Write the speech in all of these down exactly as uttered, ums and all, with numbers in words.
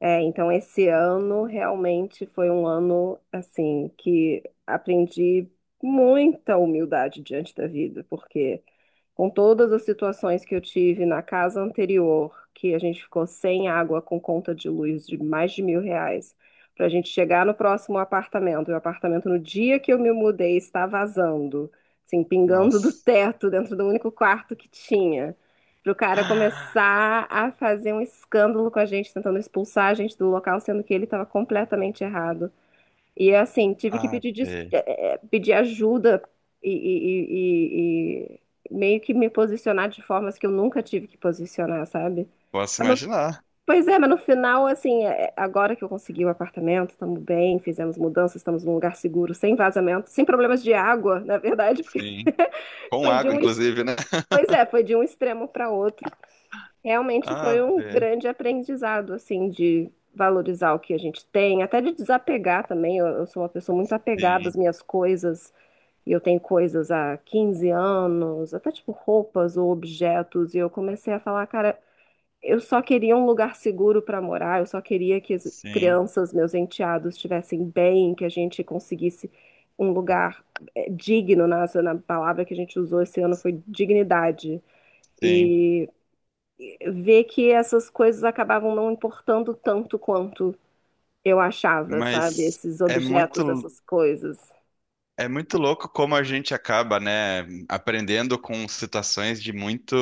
É, então esse ano realmente foi um ano assim que aprendi muita humildade diante da vida, porque com todas as situações que eu tive na casa anterior, que a gente ficou sem água com conta de luz de mais de mil reais, para a gente chegar no próximo apartamento, e o apartamento no dia que eu me mudei está vazando, assim, pingando do Nossa. teto dentro do único quarto que tinha. Para o cara começar a fazer um escândalo com a gente, tentando expulsar a gente do local, sendo que ele estava completamente errado. E assim, tive que Ah, pedir, des- velho. eh, eh, pedir ajuda e, e- e- e meio que me posicionar de formas que eu nunca tive que posicionar, sabe? Posso Mas no- imaginar. pois é, mas no final, assim, eh, agora que eu consegui o apartamento, estamos bem, fizemos mudanças, estamos num lugar seguro, sem vazamento, sem problemas de água, na verdade, porque Sim. Com foi de água, um, ex- inclusive, né? pois é, foi de um extremo para outro. Realmente Ah, foi um velho. grande aprendizado, assim, de valorizar o que a gente tem, até de desapegar também. Eu, eu sou uma pessoa muito apegada Sim, às minhas coisas, e eu tenho coisas há quinze anos, até tipo roupas ou objetos, e eu comecei a falar, cara, eu só queria um lugar seguro para morar, eu só queria que as sim, crianças, meus enteados, estivessem bem, que a gente conseguisse um lugar eh, digno, na, na palavra que a gente usou esse ano foi dignidade. sim. E ver que essas coisas acabavam não importando tanto quanto eu achava, sabe? Mas Esses é objetos, muito, essas coisas. é muito louco como a gente acaba, né, aprendendo com situações de muito,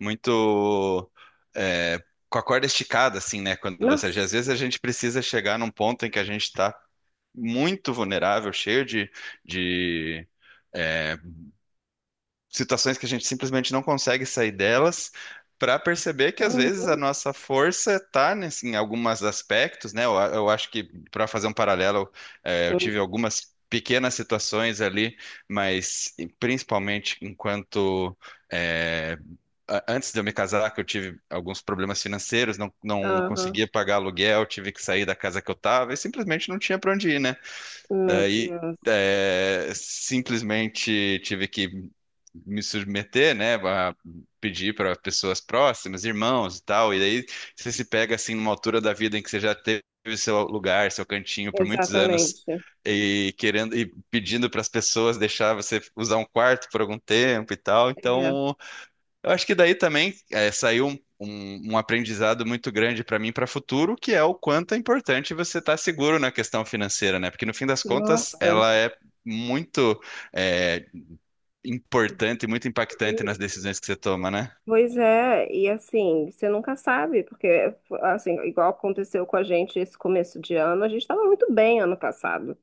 muito, é, com a corda esticada, assim, né? Quando você, às Nossa. vezes a gente precisa chegar num ponto em que a gente está muito vulnerável, cheio de, de eh, situações que a gente simplesmente não consegue sair delas, para perceber que às vezes a Uhum. nossa força está em alguns aspectos, né? Eu, eu acho que, para fazer um paralelo, eh, eu Hum. tive algumas pequenas situações ali, mas e principalmente enquanto. eh, a- Antes de eu me casar, que eu tive alguns problemas financeiros, não, não Aham. conseguia pagar aluguel, tive que sair da casa que eu estava e simplesmente não tinha para onde ir, né? Meu Daí Deus. é, simplesmente tive que me submeter, né, a pedir para pessoas próximas, irmãos e tal, e daí você se pega assim numa altura da vida em que você já teve seu lugar, seu cantinho por muitos anos Exatamente. e querendo e pedindo para as pessoas deixar você usar um quarto por algum tempo e tal, É. então eu acho que daí também eh, saiu um, um- um aprendizado muito grande para mim para o futuro, que é o quanto é importante você estar seguro na questão financeira, né? Porque no fim das contas, Nossa. ela é muito eh, importante, e muito impactante nas E- decisões que você toma, né? Pois é, e assim, você nunca sabe, porque assim, igual aconteceu com a gente esse começo de ano, a gente estava muito bem ano passado.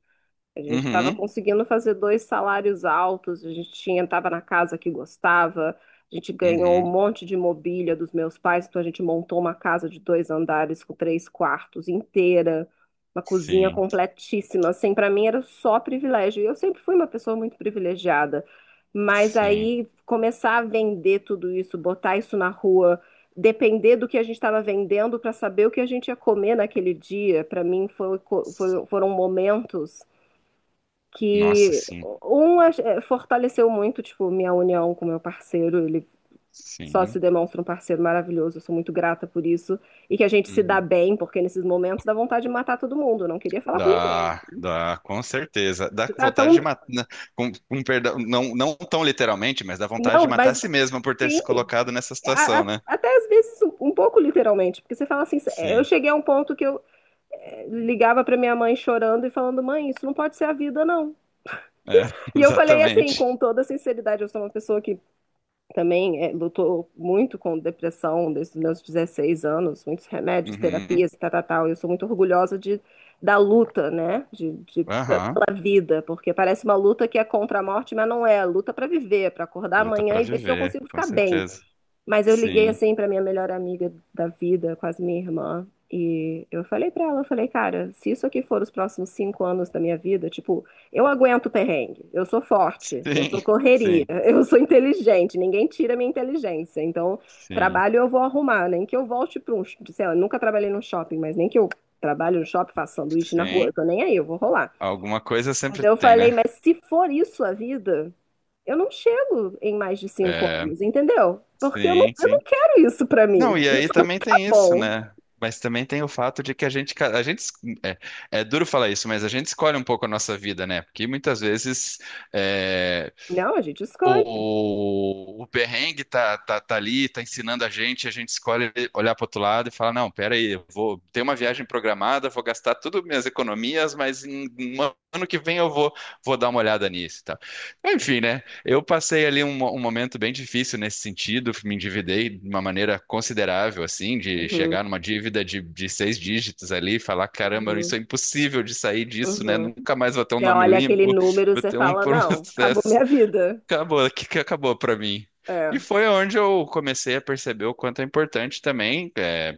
A gente estava Uhum, conseguindo fazer dois salários altos, a gente tinha, estava na casa que gostava, a gente ganhou um uhum, monte de mobília dos meus pais, então a gente montou uma casa de dois andares com três quartos inteira, uma cozinha sim, completíssima. Assim, para mim era só privilégio. E eu sempre fui uma pessoa muito privilegiada, mas sim. aí começar a vender tudo isso, botar isso na rua, depender do que a gente estava vendendo para saber o que a gente ia comer naquele dia, para mim foi- foi- foram momentos Nossa, que sim, um ach- eh, fortaleceu muito, tipo, minha união com meu parceiro, ele só sim. se demonstra um parceiro maravilhoso, eu sou muito grata por isso, e que a gente se dá Uhum. bem, porque nesses momentos dá vontade de matar todo mundo, eu não queria falar com ninguém. Dá, dá, com certeza. Dá Você tá vontade tão... de matar, com, com perdão, não, não tão literalmente, mas dá vontade de Não, matar a mas si mesma por ter sim, se colocado nessa a- situação, a- né? até às vezes um, um pouco literalmente, porque você fala assim, eh, eu Sim, cheguei a um ponto que eu eh, ligava pra minha mãe chorando e falando, mãe, isso não pode ser a vida, não. é, E eu falei assim, exatamente. com toda sinceridade, eu sou uma pessoa que também é, lutou muito com depressão desde os meus dezesseis anos, muitos remédios, Uhum. terapias, tal, tal, tal. Eu sou muito orgulhosa de, da luta, né? De, de, Aham. pela vida, porque parece uma luta que é contra a morte, mas não é. É luta para viver, para acordar Luta amanhã pra e ver se eu viver, consigo com ficar bem. certeza. Mas eu liguei Sim, assim pra minha melhor amiga da vida, quase minha irmã, e eu falei pra ela, eu falei, cara, se isso aqui for os próximos cinco anos da minha vida, tipo, eu aguento perrengue, eu sou forte, eu sim, sou correria, sim, eu sou inteligente, ninguém tira minha inteligência, então sim, trabalho eu vou arrumar, nem que eu volte para um, sei lá, eu nunca trabalhei num shopping, mas nem que eu trabalhe no shopping, faça sanduíche na rua, eu sim. tô nem aí, eu vou rolar. Alguma coisa Mas sempre eu tem, falei, né? mas se for isso a vida, eu não chego em mais de cinco É, anos, entendeu? Porque eu não, sim, eu não sim. quero isso pra mim. Não, e aí Isso não também é tem isso, bom. né? Mas também tem o fato de que a gente, ca- a gente, es- é, é duro falar isso, mas a gente escolhe um pouco a nossa vida, né? Porque muitas vezes é, Não, a gente escolhe. o, o perrengue tá, tá, tá ali, tá ensinando a gente, a gente escolhe olhar para outro lado e fala, não, pera aí, eu vou ter uma viagem programada, vou gastar tudo minhas economias, mas em um ano que vem eu vou, vou dar uma olhada nisso e tal. Enfim, né? Eu passei ali um, mo- um momento bem difícil nesse sentido, me endividei de uma maneira considerável, assim, de Uhum, chegar numa dívida de, de seis dígitos ali e falar, caramba, isso é uhum, impossível de sair disso, né? uhum. Nunca mais vou ter um Você nome olha aquele limpo, número, vou você ter um fala, não, acabou processo. minha vida. Acabou, que que acabou pra mim. E É, foi onde eu comecei a perceber o quanto é importante também é,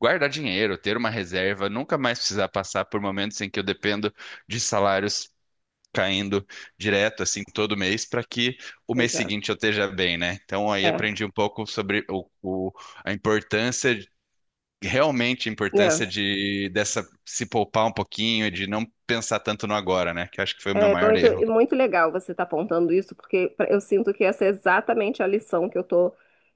guardar dinheiro, ter uma reserva, nunca mais precisar passar por momentos em que eu dependo de salários caindo direto, assim, todo mês, para que o mês pois é. seguinte eu esteja bem, né? Então aí É, aprendi um pouco sobre o, o- a importância, realmente a né? importância de dessa se poupar um pouquinho e de não pensar tanto no agora, né? Que eu acho que foi o meu É maior muito, e erro. muito legal você estar apontando isso, porque pra- eu sinto que essa é exatamente a lição que eu estou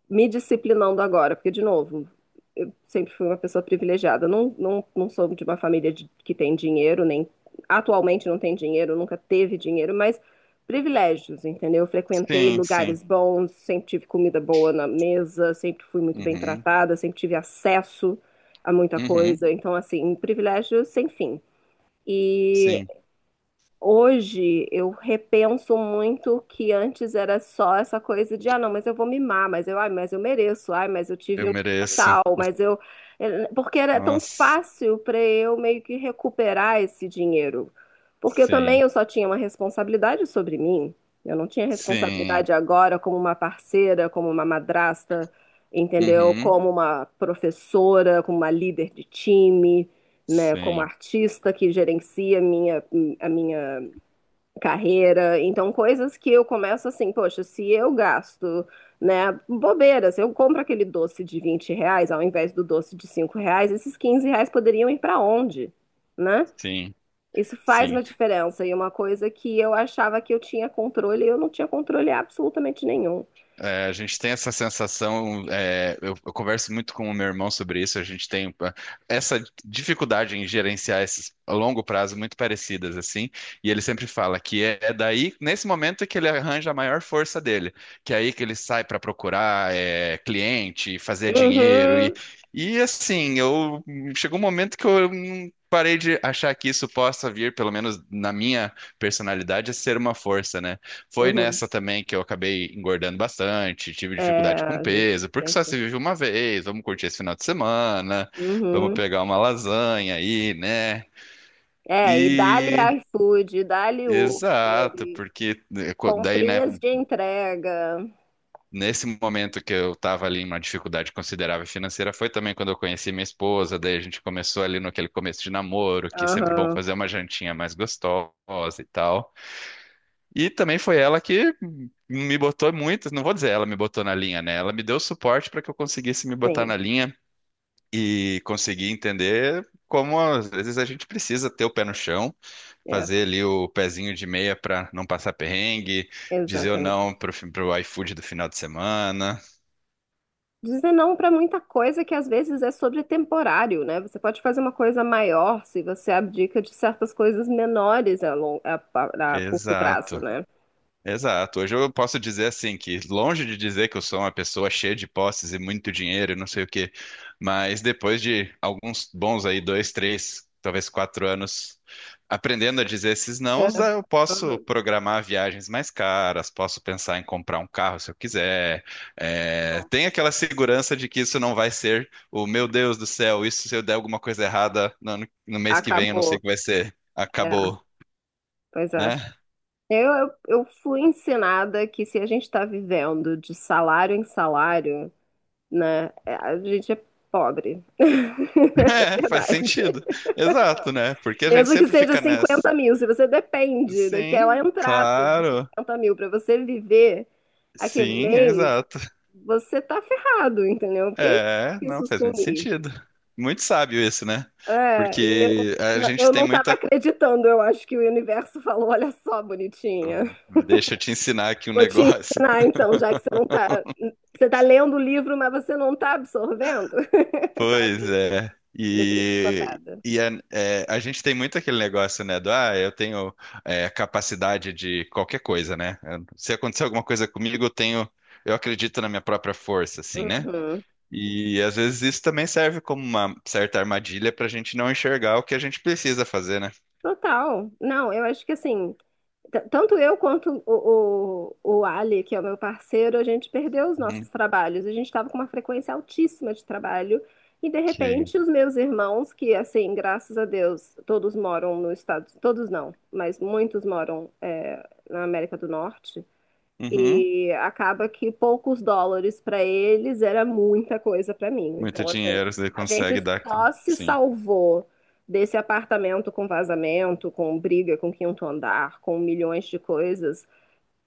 me disciplinando agora. Porque, de novo, eu sempre fui uma pessoa privilegiada. Não, não, não sou de uma família de- que tem dinheiro, nem atualmente não tem dinheiro, nunca teve dinheiro, mas privilégios, entendeu? Eu frequentei Sim, sim. lugares bons, sempre tive comida boa na mesa, sempre fui muito bem Uhum, tratada, sempre tive acesso a muita uhum, coisa. Então, assim, privilégios sem fim. sim. Hoje eu repenso muito que antes era só essa coisa de, ah, não, mas eu vou mimar, mas eu, ai, mas eu mereço, ai, mas eu Eu tive um dia mereço. tal, o- mas eu. eh, Porque era tão Nossa, fácil para eu meio que recuperar esse dinheiro. Porque eu também sim, eu só tinha uma responsabilidade sobre mim. Eu não tinha sim. responsabilidade agora como uma parceira, como uma madrasta, entendeu? Uhum, Como uma professora, como uma líder de time, né, como sim, artista que gerencia minha, a minha carreira, então coisas que eu começo assim, poxa, se eu gasto, né, bobeiras, eu compro aquele doce de vinte reais ao invés do doce de cinco reais, esses quinze reais poderiam ir para onde, né? sim, Isso faz sim. uma diferença e uma coisa que eu achava que eu tinha controle, eu não tinha controle absolutamente nenhum. É, a gente tem essa sensação, é, eu, eu converso muito com o meu irmão sobre isso, a gente tem ah, essa dificuldade em gerenciar esses a longo prazo muito parecidas, assim, e ele sempre fala que é, é daí, nesse momento, que ele arranja a maior força dele, que é aí que ele sai para procurar é, cliente, fazer dinheiro, e, Uhum, e assim, eu chegou um momento que eu hum, parei de achar que isso possa vir, pelo menos na minha personalidade, a ser uma força, né? Foi uhum. nessa também que eu acabei engordando bastante, tive É, dificuldade com a gente peso, porque só sempre. se vive uma vez, vamos curtir esse final de semana, vamos Uhum. pegar uma lasanha aí, né? É, e E dá-lhe E iFood, dá-lhe Uber, exato, e porque eh, co- daí, né, comprinhas de entrega. nesse momento que eu tava ali em uma dificuldade considerável financeira, foi também quando eu conheci minha esposa, daí a gente começou ali no aquele começo de namoro, que é sempre bom Aham, fazer uma jantinha mais gostosa e tal. E também foi ela que me botou muito, não vou dizer ela me botou na linha, né? Ela me deu suporte para que eu conseguisse me botar sim. na linha e conseguir entender como às vezes a gente precisa ter o pé no chão, É, fazer ali o pezinho de meia para não passar perrengue, dizer ou não exatamente. pro, fi- pro iFood do final de semana. Dizer não para muita coisa que às vezes é sobre temporário, né? Você pode fazer uma coisa maior se você abdica de certas coisas menores a, long, a, a- a curto prazo, Exato. né? Exato. Hoje eu posso dizer assim que longe de dizer que eu sou uma pessoa cheia de posses e muito dinheiro e não sei o quê, mas depois de alguns bons aí dois, três, talvez quatro anos aprendendo a dizer esses É. nãos, ah, eu posso Uhum. programar viagens mais caras, posso pensar em comprar um carro se eu quiser. É, tem aquela segurança de que isso não vai ser o meu Deus do céu, isso se eu der alguma coisa errada no, ano- no mês que vem, eu não sei Acabou. o que vai ser. É, Acabou, pois é. né? Eu, eu, eu fui ensinada que se a gente está vivendo de salário em salário, né, é, a gente é pobre. Essa é É, a faz verdade. sentido. Exato, né? Porque a gente Mesmo que sempre seja fica nessa. cinquenta mil, se você depende daquela Sim, entrada de claro. cinquenta mil para você viver aquele Sim, mês, exato. você tá ferrado, entendeu? Porque É, não, isso faz muito sumir. sentido. Muito sábio isso, né? É, e eu, Porque a gente eu tem não estava muita. acreditando, eu acho que o universo falou: olha só, bonitinha, Deixa eu te ensinar aqui um vou te negócio. ensinar então, já que você não tá. Você tá lendo o livro, mas você não tá absorvendo, Pois sabe? é. Levei E, chicotada. e a, é, a gente tem muito aquele negócio, né? Do, ah, eu tenho é, capacidade de qualquer coisa, né? Se acontecer alguma coisa comigo, eu tenho. Eu acredito na minha própria força, assim, né? Uhum. E às vezes isso também serve como uma certa armadilha para a gente não enxergar o que a gente precisa fazer, né? Total. Não, eu acho que assim, T- Tanto eu quanto o, o, o Ali, que é o meu parceiro, a gente perdeu os nossos Uhum. trabalhos. A gente estava com uma frequência altíssima de trabalho. E, de Que repente, os meus irmãos, que, assim, graças a Deus, todos moram nos Estados... Todos não, mas muitos moram, é, na América do Norte. Uhum. E acaba que poucos dólares para eles era muita coisa para mim. Muito Então, assim, dinheiro você a gente consegue dar, aqui. só se Sim. salvou desse apartamento com vazamento, com briga, com quinto andar, com milhões de coisas,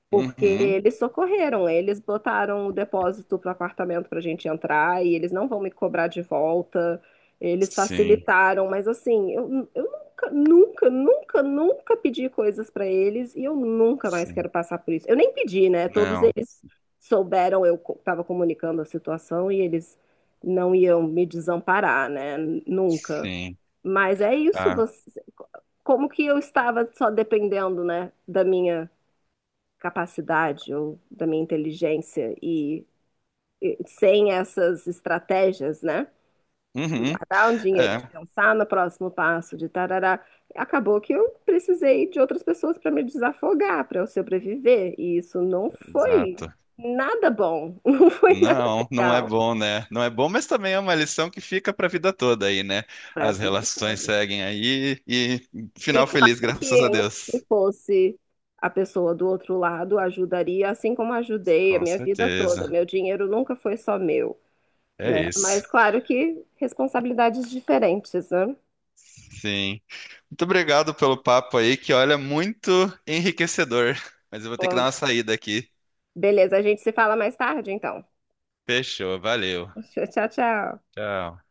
porque Uhum. eles socorreram, eles botaram o depósito para apartamento para a gente entrar e eles não vão me cobrar de volta, eles Sim, facilitaram, mas assim, eu, eu nunca, nunca, nunca, nunca pedi coisas para eles e eu nunca mais sim. quero passar por isso. Eu nem pedi, né? Todos Não, eles souberam, eu estava comunicando a situação e eles não iam me desamparar, né? Nunca. sim. Mas é isso, Ah, você, como que eu estava só dependendo, né, da minha capacidade ou da minha inteligência e, e sem essas estratégias, né? De uhum. guardar um dinheiro, de É, pensar no próximo passo, de tarará. Acabou que eu precisei de outras pessoas para me desafogar, para eu sobreviver. E isso não foi exato. nada bom, não foi nada Não, não é legal bom, né? Não é bom, mas também é uma lição que fica para a vida toda aí, né? para a As vida. relações seguem aí e E final claro feliz, que graças a eu, se Deus. fosse a pessoa do outro lado, ajudaria, assim como ajudei a Com minha vida toda. certeza. Meu dinheiro nunca foi só meu. É Né? isso. Mas claro que responsabilidades diferentes, né? Sim. Muito obrigado pelo papo aí, que olha, muito enriquecedor. Mas eu vou ter que Bom, dar uma saída aqui. beleza, a gente se fala mais tarde, então. Fechou, valeu. Tchau, tchau. Tchau.